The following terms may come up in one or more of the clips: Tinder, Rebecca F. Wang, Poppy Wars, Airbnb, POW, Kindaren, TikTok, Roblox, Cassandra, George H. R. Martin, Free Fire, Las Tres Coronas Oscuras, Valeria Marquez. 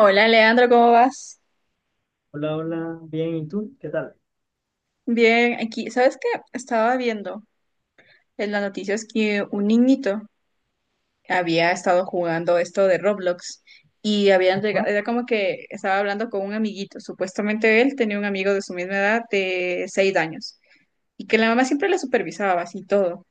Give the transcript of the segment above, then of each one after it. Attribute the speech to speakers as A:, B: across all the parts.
A: Hola Leandro, ¿cómo vas?
B: Hola, hola, bien, ¿y tú? ¿Qué tal?
A: Bien, aquí, ¿sabes qué? Estaba viendo en las noticias que un niñito había estado jugando esto de Roblox y habían llegado,
B: Ajá,
A: era como que estaba hablando con un amiguito, supuestamente él tenía un amigo de su misma edad de 6 años y que la mamá siempre le supervisaba así todo,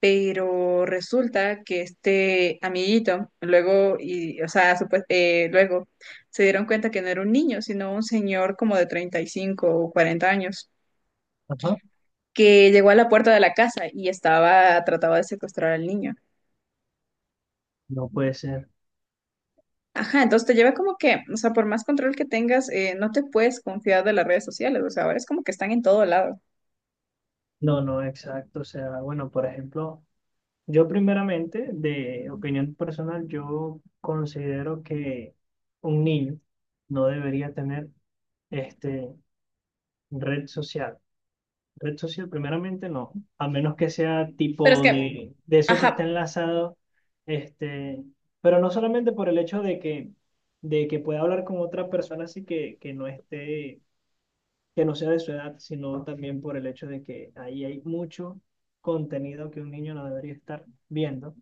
A: pero resulta que este amiguito luego, y, o sea, luego se dieron cuenta que no era un niño, sino un señor como de 35 o 40 años
B: ajá.
A: que llegó a la puerta de la casa y estaba, trataba de secuestrar al niño.
B: No puede ser.
A: Ajá, entonces te lleva como que, o sea, por más control que tengas, no te puedes confiar de las redes sociales, o sea, ahora es como que están en todo lado.
B: No, no, exacto. O sea, bueno, por ejemplo, yo primeramente, de opinión personal, yo considero que un niño no debería tener este, red social. Red social, primeramente, no, a menos que sea
A: Pero es
B: tipo
A: que,
B: de eso que está
A: ajá,
B: enlazado, este, pero no solamente por el hecho de que pueda hablar con otra persona así que no esté que no sea de su edad, sino también por el hecho de que ahí hay mucho contenido que un niño no debería estar viendo,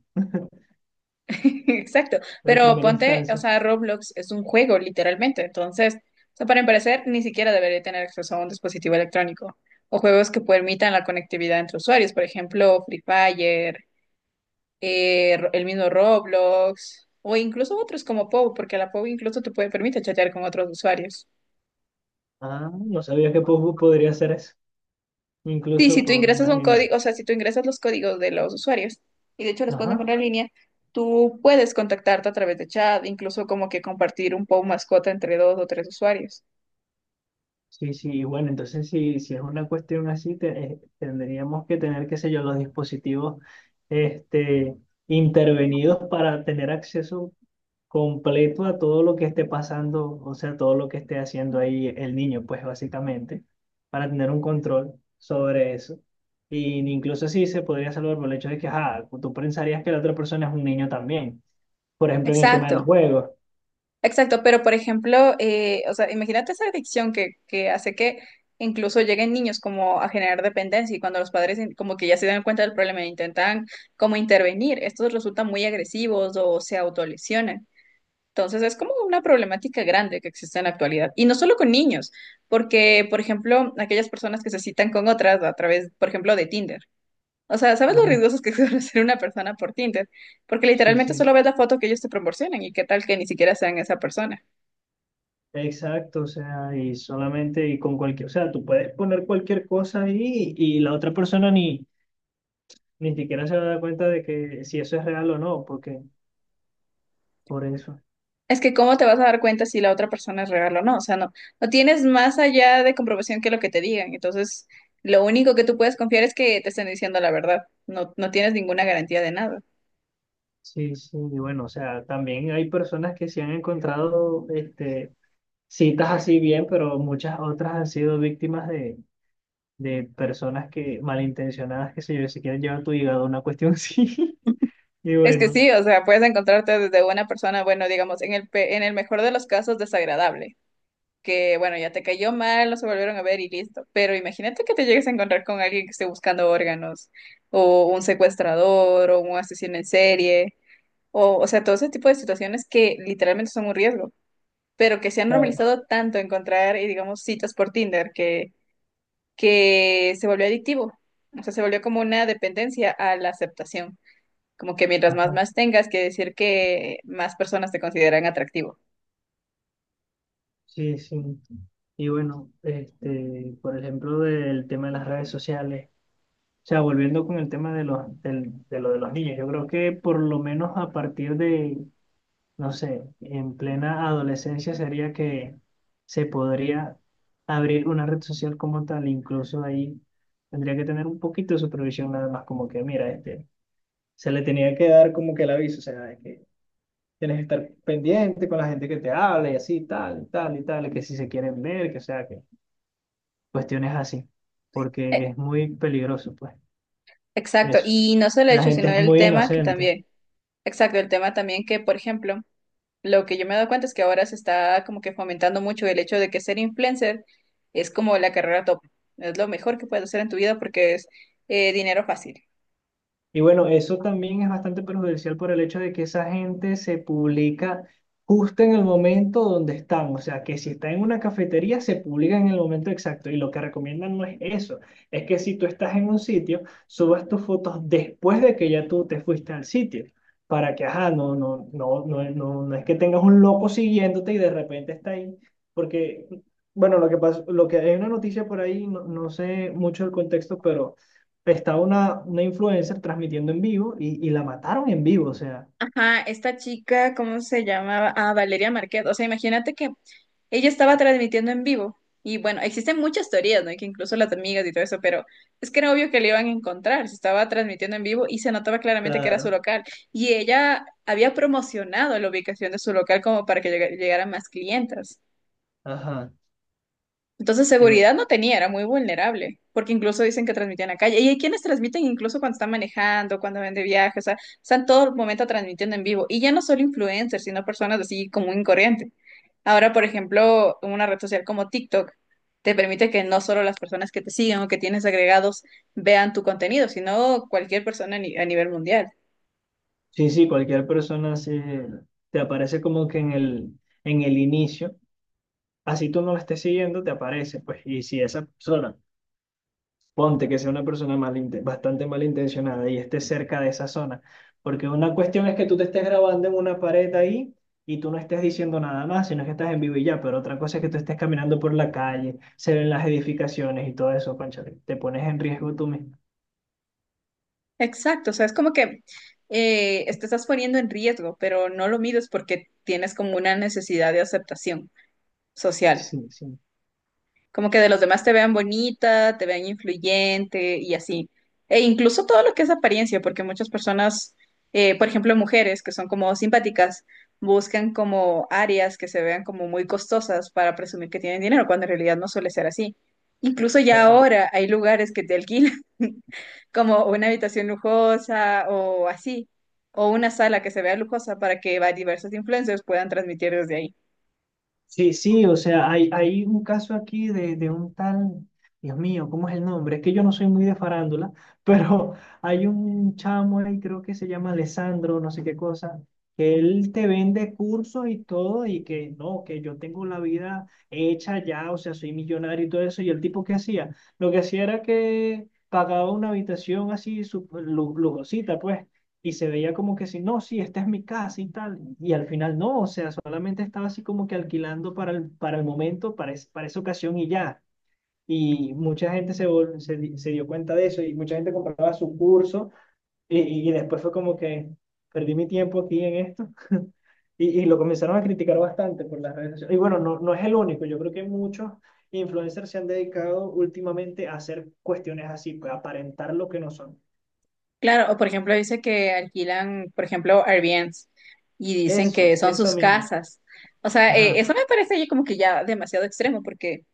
A: exacto,
B: pero en
A: pero
B: primera
A: ponte, o
B: instancia.
A: sea, Roblox es un juego, literalmente, entonces, o sea, para empezar, ni siquiera debería tener acceso a un dispositivo electrónico o juegos que permitan la conectividad entre usuarios, por ejemplo, Free Fire, el mismo Roblox o incluso otros como POW, porque la POW incluso te puede permite chatear con otros usuarios.
B: Ah, no sabía que podría hacer eso,
A: Sí,
B: incluso,
A: si tú
B: pues,
A: ingresas un
B: imagínate.
A: código, o sea, si tú ingresas los códigos de los usuarios y de hecho los puedes
B: Ajá.
A: encontrar en línea, tú puedes contactarte a través de chat, incluso como que compartir un POW mascota entre dos o tres usuarios.
B: Sí, sí, y bueno, entonces si es una cuestión así, tendríamos que tener, qué sé yo, los dispositivos este, intervenidos para tener acceso completo a todo lo que esté pasando, o sea, todo lo que esté haciendo ahí el niño, pues básicamente, para tener un control sobre eso. Y incluso sí se podría salvar por el hecho de que, ajá, tú pensarías que la otra persona es un niño también, por ejemplo, en el tema de
A: Exacto.
B: los juegos.
A: Exacto, pero por ejemplo, o sea, imagínate esa adicción que hace que incluso lleguen niños como a generar dependencia y cuando los padres como que ya se dan cuenta del problema e intentan como intervenir, estos resultan muy agresivos o se autolesionan. Entonces es como una problemática grande que existe en la actualidad. Y no solo con niños, porque por ejemplo, aquellas personas que se citan con otras a través, por ejemplo, de Tinder. O sea, ¿sabes lo
B: Ajá,
A: riesgosos que suele ser una persona por Tinder? Porque
B: sí,
A: literalmente
B: sí.
A: solo ves la foto que ellos te proporcionan y qué tal que ni siquiera sean esa persona.
B: Exacto, o sea, y solamente y con cualquier, o sea, tú puedes poner cualquier cosa ahí y la otra persona ni siquiera se va a dar cuenta de que si eso es real o no, porque por eso.
A: Es que cómo te vas a dar cuenta si la otra persona es real o no, o sea, no, no tienes más allá de comprobación que lo que te digan, entonces lo único que tú puedes confiar es que te estén diciendo la verdad, no, no tienes ninguna garantía de nada.
B: Sí, sí, y bueno, o sea, también hay personas que se han encontrado citas así bien, pero muchas otras han sido víctimas de personas que malintencionadas, que se yo, se quieren llevar tu hígado, una cuestión así. Y
A: Es que
B: bueno,
A: sí, o sea, puedes encontrarte desde una persona, bueno, digamos, en el mejor de los casos desagradable, que bueno, ya te cayó mal, no se volvieron a ver y listo, pero imagínate que te llegues a encontrar con alguien que esté buscando órganos, o un secuestrador, o un asesino en serie, o sea, todo ese tipo de situaciones que literalmente son un riesgo. Pero que se han
B: claro.
A: normalizado tanto encontrar, digamos, citas por Tinder que se volvió adictivo. O sea, se volvió como una dependencia a la aceptación. Como que mientras más
B: Ajá.
A: más tengas, que decir que más personas te consideran atractivo.
B: Sí, sí. Y bueno, por ejemplo, del tema de las redes sociales, o sea, volviendo con el tema de los, del- de lo de los niños, yo creo que por lo menos a partir de, no sé, en plena adolescencia sería que se podría abrir una red social como tal, incluso ahí tendría que tener un poquito de supervisión nada más, como que, mira, se le tenía que dar como que el aviso, o sea, de que tienes que estar pendiente con la gente que te habla y así, tal, y tal, y tal, y que si se quieren ver, que o sea, que cuestiones así,
A: Eh,
B: porque es muy peligroso, pues,
A: exacto.
B: eso.
A: Y no solo el
B: La
A: hecho,
B: gente
A: sino
B: es
A: el
B: muy
A: tema que
B: inocente.
A: también. Exacto, el tema también que, por ejemplo, lo que yo me he dado cuenta es que ahora se está como que fomentando mucho el hecho de que ser influencer es como la carrera top. Es lo mejor que puedes hacer en tu vida porque es dinero fácil.
B: Y bueno, eso también es bastante perjudicial por el hecho de que esa gente se publica justo en el momento donde están. O sea, que si está en una cafetería, se publica en el momento exacto. Y lo que recomiendan no es eso. Es que si tú estás en un sitio, subas tus fotos después de que ya tú te fuiste al sitio. Para que, ajá, no, no, no, no, no, no es que tengas un loco siguiéndote y de repente está ahí. Porque, bueno, lo que pasa, lo que hay una noticia por ahí, no, no sé mucho el contexto, pero estaba una influencer transmitiendo en vivo y la mataron en vivo, o sea,
A: Ajá, esta chica, ¿cómo se llamaba? Ah, Valeria Marquez. O sea, imagínate que ella estaba transmitiendo en vivo. Y bueno, existen muchas teorías, ¿no? Y que incluso las amigas y todo eso, pero es que era obvio que le iban a encontrar. Se estaba transmitiendo en vivo y se notaba claramente que era su
B: claro,
A: local. Y ella había promocionado la ubicación de su local como para que llegaran más clientas.
B: ajá.
A: Entonces
B: y bu-
A: seguridad no tenía, era muy vulnerable, porque incluso dicen que transmitían a calle. Y hay quienes transmiten incluso cuando están manejando, cuando van de viaje, o sea, están todo el momento transmitiendo en vivo. Y ya no solo influencers, sino personas así común y corriente. Ahora, por ejemplo, una red social como TikTok te permite que no solo las personas que te siguen o que tienes agregados vean tu contenido, sino cualquier persona a ni- a nivel mundial.
B: sí, sí, cualquier persona te aparece como que en el inicio, así tú no la estés siguiendo, te aparece, pues, y si esa persona, ponte que sea una persona bastante malintencionada y esté cerca de esa zona. Porque una cuestión es que tú te estés grabando en una pared ahí y tú no estés diciendo nada más, sino que estás en vivo y ya. Pero otra cosa es que tú estés caminando por la calle, se ven las edificaciones y todo eso, cónchale. Te pones en riesgo tú mismo.
A: Exacto, o sea, es como que te estás poniendo en riesgo, pero no lo mides porque tienes como una necesidad de aceptación social.
B: Sí, sí.
A: Como que de los demás te vean bonita, te vean influyente y así. E incluso todo lo que es apariencia, porque muchas personas, por ejemplo, mujeres que son como simpáticas, buscan como áreas que se vean como muy costosas para presumir que tienen dinero, cuando en realidad no suele ser así. Incluso ya
B: Ajá.
A: ahora hay lugares que te alquilan como una habitación lujosa o así, o una sala que se vea lujosa para que diversos influencers puedan transmitir desde ahí.
B: Sí, sí, o sea, hay un caso aquí de un tal, Dios mío, ¿cómo es el nombre? Es que yo no soy muy de farándula, pero hay un chamo ahí, creo que se llama Alessandro, no sé qué cosa, que él te vende cursos y todo, y que no, que yo tengo la vida hecha ya, o sea, soy millonario y todo eso, y el tipo que hacía, lo que hacía era que pagaba una habitación así, lujosita, pues, y se veía como que si, no, sí, esta es mi casa y tal. Y al final no, o sea, solamente estaba así como que alquilando para el momento, para esa ocasión y ya. Y mucha gente se, vol- se, di- se dio cuenta de eso y mucha gente compraba su curso y después fue como que perdí mi tiempo aquí en esto. Y lo comenzaron a criticar bastante por las redes sociales. Y bueno, no, no es el único, yo creo que muchos influencers se han dedicado últimamente a hacer cuestiones así, pues aparentar lo que no son.
A: Claro, o por ejemplo dice que alquilan, por ejemplo, Airbnbs y dicen que
B: Eso,
A: son
B: eso
A: sus
B: mismo.
A: casas. O sea,
B: Ajá.
A: eso me parece ya como que ya demasiado extremo porque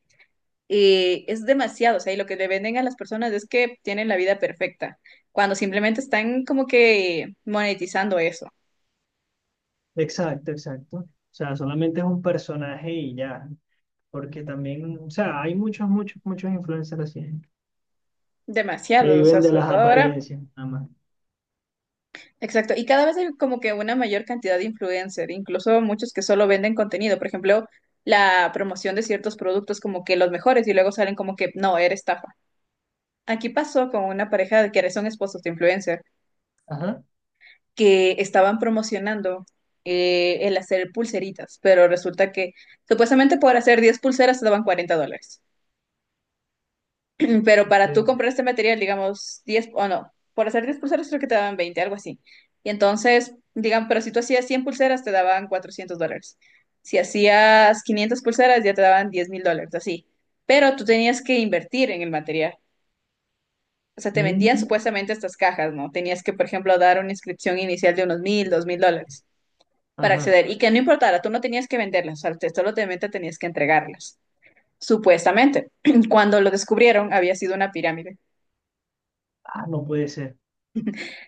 A: es demasiado, o sea, y lo que le venden a las personas es que tienen la vida perfecta, cuando simplemente están como que monetizando eso.
B: Exacto, exacto. O sea, solamente es un personaje y ya, porque también, o sea, hay muchos, muchos, muchos influencers así, ¿eh? Que
A: Demasiado, o sea,
B: viven de
A: sobre
B: las
A: todo ahora.
B: apariencias, nada más.
A: Exacto, y cada vez hay como que una mayor cantidad de influencers, incluso muchos que solo venden contenido, por ejemplo, la promoción de ciertos productos como que los mejores y luego salen como que no, era estafa. Aquí pasó con una pareja de que son esposos de influencer
B: Ajá,
A: que estaban promocionando el hacer pulseritas, pero resulta que supuestamente por hacer 10 pulseras te daban $40. Mm, pero para tú
B: ok.
A: comprar este material, digamos, 10 o no, por hacer 10 pulseras creo que te daban 20, algo así. Y entonces, digan, pero si tú hacías 100 pulseras, te daban $400. Si hacías 500 pulseras, ya te daban $10.000, así. Pero tú tenías que invertir en el material. O sea, te vendían
B: Mm,
A: supuestamente estas cajas, ¿no? Tenías que, por ejemplo, dar una inscripción inicial de unos $1.000, $2.000 para
B: ajá.
A: acceder. Y que no importara, tú no tenías que venderlas, o sea, solamente tenías que entregarlas, supuestamente. Cuando lo descubrieron, había sido una pirámide.
B: Ah, no puede ser.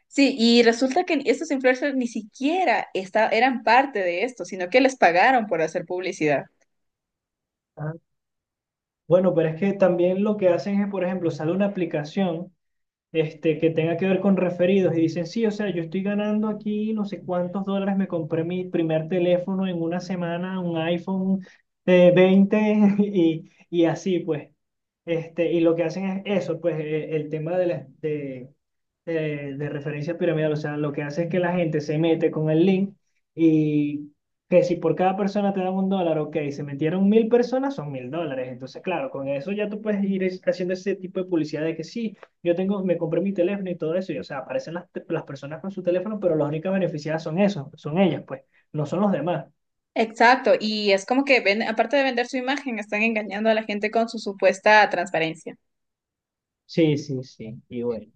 A: Sí, y resulta que estos influencers ni siquiera eran parte de esto, sino que les pagaron por hacer publicidad.
B: Ah, bueno, pero es que también lo que hacen es, por ejemplo, sale una aplicación. Que tenga que ver con referidos y dicen, sí, o sea, yo estoy ganando aquí no sé cuántos dólares, me compré mi primer teléfono en una semana, un iPhone 20. Y así pues. Y lo que hacen es eso, pues el tema de referencia piramidal, o sea, lo que hace es que la gente se mete con el link y que si por cada persona te dan un dólar, ok, se metieron 1000 personas, son 1000 dólares. Entonces, claro, con eso ya tú puedes ir haciendo ese tipo de publicidad de que sí, yo tengo, me compré mi teléfono y todo eso, y o sea, aparecen las personas con su teléfono, pero las únicas beneficiadas son esos, son ellas, pues, no son los demás.
A: Exacto, y es como que ven, aparte de vender su imagen, están engañando a la gente con su supuesta transparencia.
B: Sí, sí, sí, y bueno.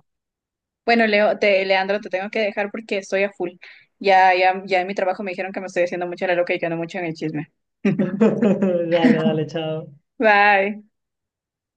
A: Bueno, Leo, te, Leandro, te tengo que dejar porque estoy a full. Ya, ya, ya en mi trabajo me dijeron que me estoy haciendo mucho la loca y que no mucho en el chisme.
B: Dale, dale, chao.
A: Bye.